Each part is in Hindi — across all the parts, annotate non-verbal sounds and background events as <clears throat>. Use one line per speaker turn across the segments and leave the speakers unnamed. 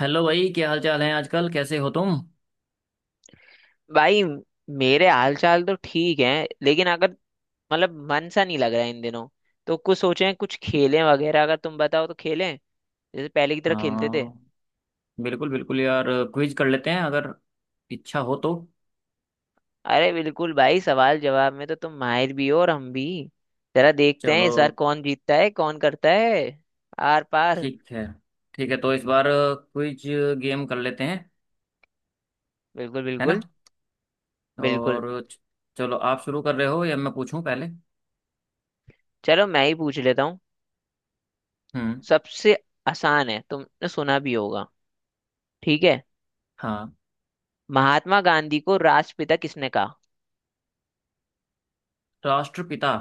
हेलो भाई, क्या हाल चाल है आजकल, कैसे हो तुम?
भाई मेरे हाल चाल तो ठीक है, लेकिन अगर मतलब मन सा नहीं लग रहा है इन दिनों। तो कुछ सोचे हैं, कुछ खेलें वगैरह, अगर तुम बताओ तो खेलें जैसे पहले की तरह खेलते थे।
हाँ। बिल्कुल बिल्कुल यार। क्विज कर लेते हैं अगर इच्छा हो तो।
अरे बिल्कुल भाई, सवाल जवाब में तो तुम माहिर भी हो और हम भी। जरा देखते हैं
चलो।
इस बार कौन जीतता है, कौन करता है आर पार।
ठीक है। ठीक है, तो इस बार क्विज गेम कर लेते हैं,
बिल्कुल
है ना?
बिल्कुल बिल्कुल।
और च- चलो, आप शुरू कर रहे हो या मैं पूछूं पहले?
चलो मैं ही पूछ लेता हूँ।
हम्म।
सबसे आसान है, तुमने सुना भी होगा। ठीक है।
हाँ।
महात्मा गांधी को राष्ट्रपिता किसने कहा।
राष्ट्रपिता?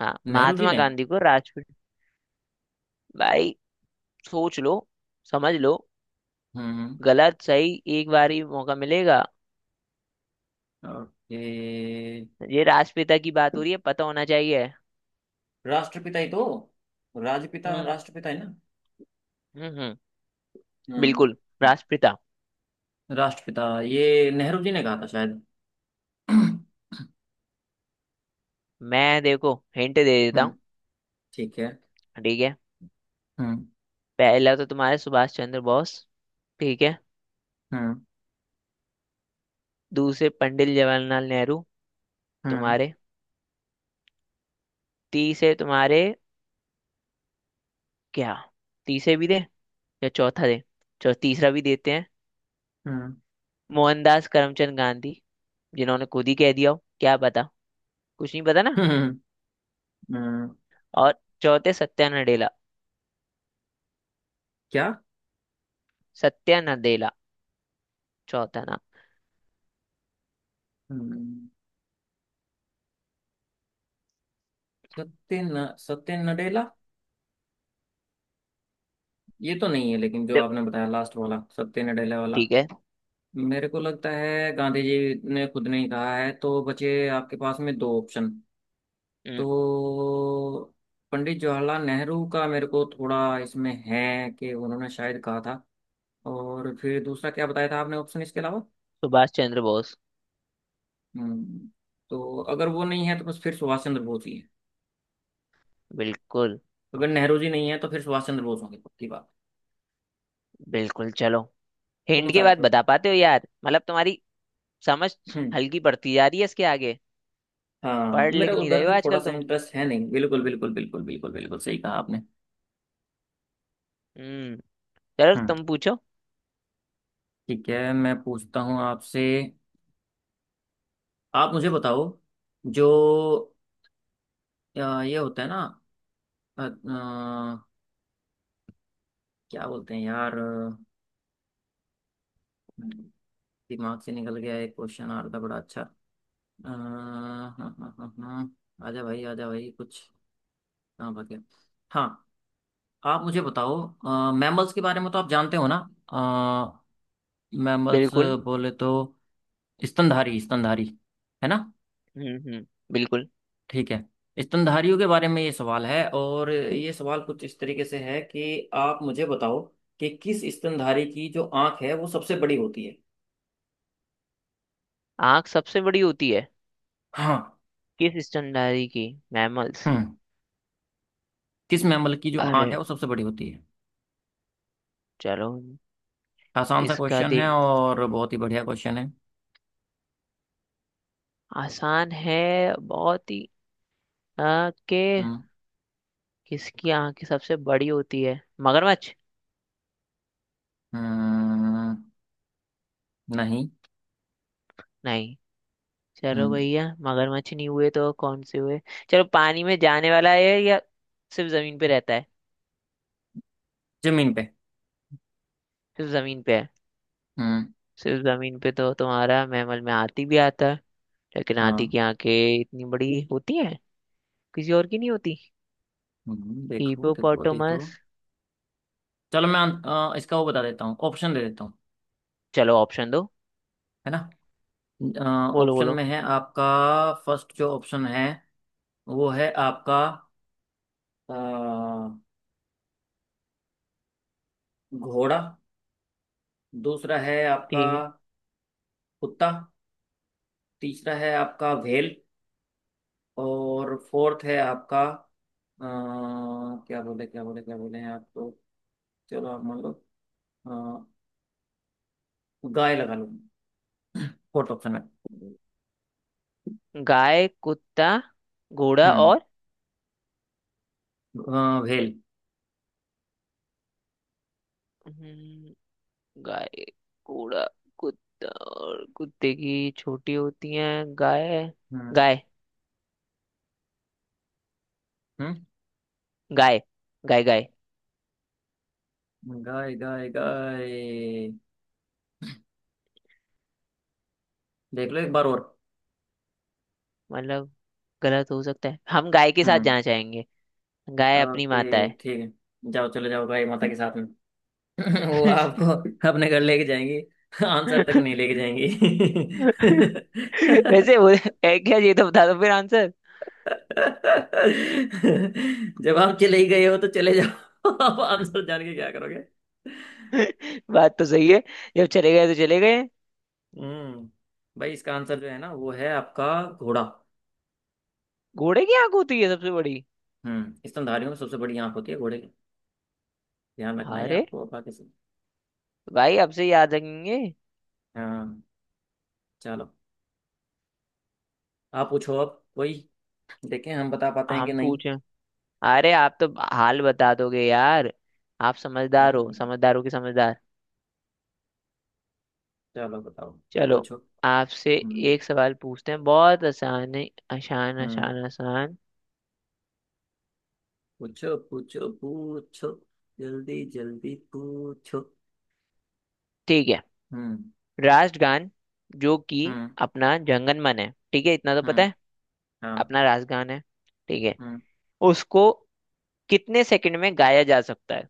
हाँ,
नेहरू जी
महात्मा
ने।
गांधी को राष्ट्रपिता। भाई सोच लो, समझ लो।
हम्म।
गलत सही, एक बार ही मौका मिलेगा।
ओके।
ये राष्ट्रपिता की बात हो रही है, पता होना चाहिए।
राष्ट्रपिता ही तो। राजपिता,
हम्म
राष्ट्रपिता, है ना?
हम्म।
हम्म।
बिल्कुल। राष्ट्रपिता।
राष्ट्रपिता ये नेहरू जी ने कहा था शायद। हम्म।
मैं देखो, हिंट दे देता हूँ।
ठीक है।
ठीक है।
हम्म।
पहला तो तुम्हारे सुभाष चंद्र बोस। ठीक है।
हम्म।
दूसरे पंडित जवाहरलाल नेहरू।
हम्म।
तुम्हारे तीसरे, तुम्हारे क्या, तीसरे भी दे या चौथा दे। चलो तीसरा भी देते हैं।
हम्म।
मोहनदास करमचंद गांधी, जिन्होंने खुद ही कह दिया हो, क्या पता। कुछ नहीं पता ना।
हम्म। हम्म।
और चौथे सत्या नडेला।
क्या?
सत्या नडेला, चौथा नाम।
हम्म। सत्य नडेला? ये तो नहीं है, लेकिन जो
देखो
आपने बताया लास्ट वाला सत्य नडेला वाला।
ठीक है।
मेरे को लगता है गांधी जी ने खुद नहीं कहा है, तो बचे आपके पास में दो ऑप्शन। तो
हम्म,
पंडित जवाहरलाल नेहरू का मेरे को थोड़ा इसमें है कि उन्होंने शायद कहा था। और फिर दूसरा क्या बताया था आपने ऑप्शन इसके अलावा?
सुभाष चंद्र बोस।
हम्म। तो अगर वो नहीं है तो बस फिर सुभाष चंद्र बोस ही है।
बिल्कुल
अगर नेहरू जी नहीं है तो फिर सुभाष चंद्र बोस होंगे, पक्की बात।
बिल्कुल। चलो,
कौन
हिंट के
सा है
बाद
फिर?
बता पाते हो यार, मतलब तुम्हारी समझ
हम्म।
हल्की पड़ती जा रही है इसके आगे।
हाँ,
पढ़
मेरा
लिख नहीं रहे
उधर
हो
से थोड़ा
आजकल
सा
तुम।
इंटरेस्ट है नहीं। बिल्कुल बिल्कुल बिल्कुल बिल्कुल बिल्कुल सही कहा आपने।
हम्म। चलो
हम्म।
तुम पूछो।
ठीक है, मैं पूछता हूँ आपसे। आप मुझे बताओ। जो ये होता है ना। अ, अ, क्या बोलते हैं यार? दिमाग से निकल गया। एक क्वेश्चन आ रहा था बड़ा अच्छा। हाँ। हाँ हाँ हाँ। आजा भाई कुछ। हाँ, बढ़ गया। हाँ। आप मुझे बताओ, मैमल्स के बारे में तो आप जानते हो ना? मैमल्स
बिल्कुल।
बोले तो स्तनधारी, स्तनधारी, है ना।
हम्म। बिल्कुल।
ठीक है। स्तनधारियों के बारे में ये सवाल है, और ये सवाल कुछ इस तरीके से है कि आप मुझे बताओ कि किस स्तनधारी की जो आंख है वो सबसे बड़ी होती है।
आंख सबसे बड़ी होती है
हाँ।
किस स्तनधारी की, मैमल्स।
हम्म। किस मैमल की जो
अरे
आंख है वो सबसे बड़ी होती है?
चलो,
आसान सा
इसका
क्वेश्चन
दे।
है और बहुत ही बढ़िया क्वेश्चन है।
आसान है बहुत ही। के
हम्म।
किसकी आंखें सबसे बड़ी होती है। मगरमच्छ।
हम्म, नहीं।
नहीं। चलो
हम्म।
भैया, मगरमच्छ नहीं हुए तो कौन से हुए। चलो, पानी में जाने वाला है या सिर्फ जमीन पे रहता है।
जमीन पे।
सिर्फ जमीन पे है। सिर्फ जमीन पे तो तुम्हारा मैमल में हाथी भी आता है, लेकिन हाथी
हाँ।
की आंखें इतनी बड़ी होती हैं, किसी और की नहीं होती।
देखो देखो देखो।
हिपोपोटामस।
चलो, मैं इसका वो बता देता हूँ, ऑप्शन दे देता हूँ।
चलो ऑप्शन दो।
है ना?
बोलो
ऑप्शन
बोलो।
में है आपका। फर्स्ट जो ऑप्शन है वो है आपका अ, घोड़ा। दूसरा है आपका
ठीक है।
कुत्ता। तीसरा है आपका व्हेल। और फोर्थ है आपका अ, क्या बोले क्या बोले क्या बोले हैं आप तो। चलो आप मान लो अ, गाय लगा लो फोर्थ ऑप्शन में।
गाय, कुत्ता, घोड़ा
हम्म।
और
व्हेल।
हम्म, गाय, घोड़ा, कुत्ता, और कुत्ते की छोटी होती है। गाय
हम्म।
गाय
हम्म।
गाय गाय गाय,
गाय गाय गाय, देख लो एक बार और।
मतलब गलत हो सकता है, हम गाय के साथ
हम्म।
जाना चाहेंगे। गाय अपनी माता
ओके,
है।
ठीक है, जाओ, चले जाओ गाय माता के साथ में। <laughs> वो
<laughs>
आपको अपने घर लेके जाएंगी। आंसर तक नहीं लेके जाएंगी।
वैसे वो है क्या, ये तो बता दो फिर आंसर।
<laughs> जब आप चले ही गए हो तो चले जाओ। <laughs> आप आंसर जान के क्या करोगे?
<laughs> बात तो सही है। जब चले गए तो चले गए।
हम्म। भाई, इसका आंसर जो है ना वो है आपका घोड़ा।
घोड़े की आंख होती है सबसे बड़ी।
हम्म, स्तनधारियों में सबसे बड़ी आंख होती है घोड़े की। ध्यान रखना, ये
अरे
आपको बाकी से।
भाई, अब से याद रखेंगे।
हाँ। चलो, आप पूछो अब कोई, देखें हम बता पाते हैं कि
हम
नहीं।
पूछे। अरे आप तो हाल बता दोगे यार। आप समझदार
अरे,
हो, समझदारों के समझदार।
चलो बताओ,
चलो
पूछो।
आपसे
हम्म।
एक सवाल पूछते हैं, बहुत आसान है। आसान
हम्म,
आसान आसान।
पूछो पूछो पूछो, जल्दी जल्दी पूछो।
ठीक है।
हम्म।
राष्ट्रगान, जो कि
हम्म।
अपना जंगन मन है, ठीक है, इतना तो पता
हम्म।
है।
हाँ।
अपना राष्ट्रगान है ठीक है।
हम्म।
उसको कितने सेकंड में गाया जा सकता है।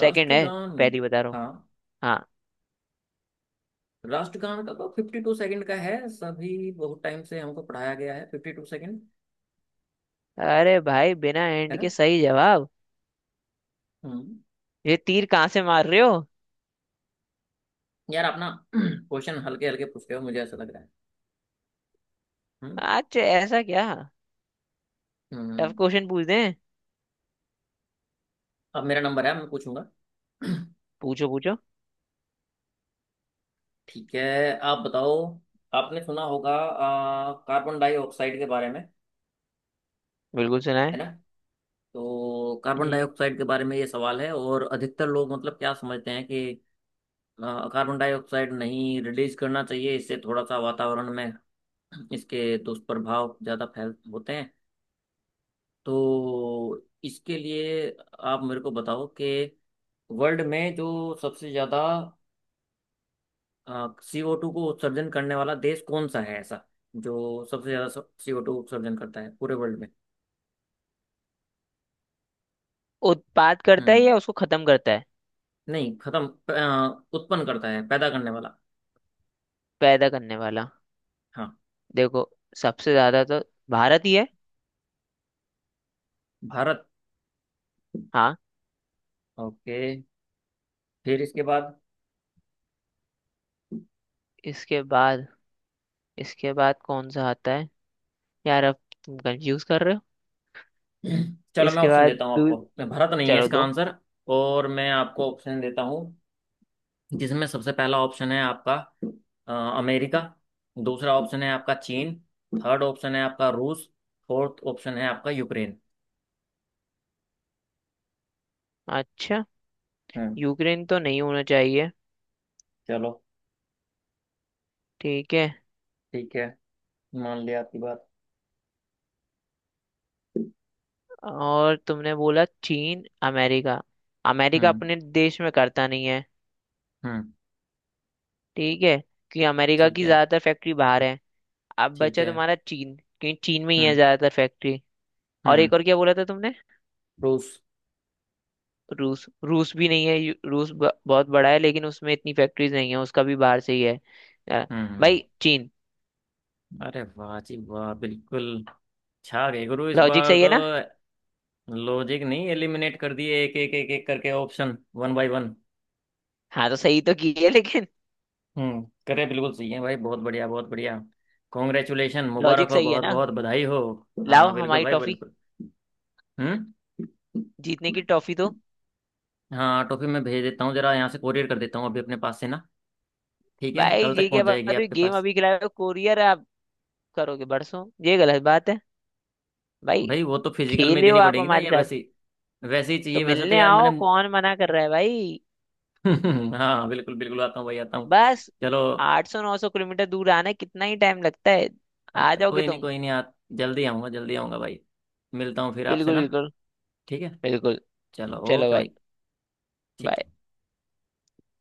सेकंड है पहली बता रहा हूँ।
हाँ।
हाँ।
राष्ट्रगान का तो 52 सेकेंड का है, सभी बहुत टाइम से हमको पढ़ाया गया है, 52 सेकेंड।
अरे भाई, बिना
है
एंड
ना?
के सही जवाब।
हम्म।
ये तीर कहाँ से मार रहे हो।
यार आप ना <clears throat> क्वेश्चन हल्के हल्के पूछ रहे <clears throat> हो, मुझे ऐसा लग रहा है। हम्म।
अच्छा ऐसा क्या।
हम्म।
टफ क्वेश्चन पूछ दें।
अब मेरा नंबर है, मैं पूछूंगा। <clears throat>
पूछो पूछो।
ठीक है, आप बताओ। आपने सुना होगा कार्बन डाइऑक्साइड के बारे में?
बिल्कुल सुना
है
है।
ना? तो कार्बन
हम्म।
डाइऑक्साइड के बारे में ये सवाल है, और अधिकतर लोग मतलब क्या समझते हैं कि कार्बन डाइऑक्साइड नहीं रिलीज करना चाहिए, इससे थोड़ा सा वातावरण में इसके दुष्प्रभाव ज़्यादा फैल होते हैं। तो इसके लिए आप मेरे को बताओ कि वर्ल्ड में जो सबसे ज़्यादा CO2 को उत्सर्जन करने वाला देश कौन सा है, ऐसा जो सबसे ज्यादा CO2 उत्सर्जन करता है पूरे वर्ल्ड में?
उत्पाद करता है
हम्म।
या उसको खत्म करता है।
नहीं, खत्म उत्पन्न करता है, पैदा करने वाला।
पैदा करने वाला।
हाँ।
देखो, सबसे ज्यादा तो भारत ही है।
भारत?
हाँ।
ओके, फिर इसके बाद।
इसके बाद, इसके बाद कौन सा आता है। यार अब तुम कंफ्यूज कर रहे हो।
<clears throat> चलो मैं
इसके
ऑप्शन
बाद
देता हूँ आपको। भारत नहीं है
चलो
इसका
दो।
आंसर। और मैं आपको ऑप्शन देता हूँ, जिसमें सबसे पहला ऑप्शन है आपका अमेरिका। दूसरा ऑप्शन है आपका चीन। थर्ड ऑप्शन है आपका रूस। फोर्थ ऑप्शन है आपका यूक्रेन।
अच्छा।
हम्म।
यूक्रेन तो नहीं होना चाहिए।
चलो
ठीक है।
ठीक है, मान लिया आपकी बात।
और तुमने बोला चीन, अमेरिका। अमेरिका
हम्म।
अपने देश में करता नहीं है।
हम्म।
ठीक है कि अमेरिका
ठीक
की
है।
ज्यादातर फैक्ट्री बाहर है। अब
ठीक
बचा
है।
तुम्हारा चीन, क्योंकि चीन में ही है
हम्म।
ज्यादातर फैक्ट्री। और एक
हम्म।
और क्या बोला था तुमने।
रूस।
रूस। रूस भी नहीं है, रूस बहुत बड़ा है, लेकिन उसमें इतनी फैक्ट्रीज नहीं है, उसका भी बाहर से ही है। अ,
हम्म।
भाई चीन।
अरे वाह जी वाह, बिल्कुल। छा गए गुरु इस
लॉजिक
बार
सही
तो।
है ना।
लॉजिक नहीं, एलिमिनेट कर दिए एक एक एक एक करके ऑप्शन, वन बाय वन।
हाँ तो सही तो की है, लेकिन
हम्म। करे, बिल्कुल सही है भाई, बहुत बढ़िया बहुत बढ़िया। कॉन्ग्रेचुलेशन, मुबारक
लॉजिक
हो,
सही है
बहुत
ना।
बहुत बधाई हो।
लाओ
हाँ बिल्कुल
हमारी
भाई
टॉफी,
बिल्कुल। हम्म।
जीतने की टॉफी तो।
हाँ, टॉफी मैं भेज देता हूँ, जरा यहाँ से कोरियर कर देता हूँ अभी अपने पास से ना। ठीक है,
भाई
कल
ये
तक
क्या
पहुँच
बात
जाएगी
हुई,
आपके
गेम
पास।
अभी खिलाए हो, कोरियर आप करोगे बरसों, ये गलत बात है भाई।
भाई, वो तो फिजिकल में
खेले हो
देनी
आप
पड़ेगी ना,
हमारे
या
साथ
वैसे वैसे ही
तो
चाहिए, वैसे तो
मिलने
यार मैंने
आओ, कौन मना कर रहा है भाई।
<laughs> हाँ बिल्कुल बिल्कुल आता हूँ भाई आता हूँ।
बस
चलो।
800 900 किलोमीटर दूर आना है, कितना ही टाइम लगता है। आ
हाँ,
जाओगे तुम।
कोई नहीं जल्दी आऊँगा जल्दी आऊँगा भाई। मिलता हूँ फिर आपसे
बिल्कुल
ना।
बिल्कुल
ठीक है।
बिल्कुल।
चलो
चलो
ओके
भाई।
भाई।
बड़ जय filtकश है वहां, झाल 午 राले flatsकुब है, प्यूजहांजूलाधा ड़न काल je है, झाले Garlic-ає, ढौन जी के जारी unosijay Михोंताम है, Permain Cong Oreo Navक, जए रोंटोंगे हैं
ठीक
एation कि उले कार स��
है।
Cristo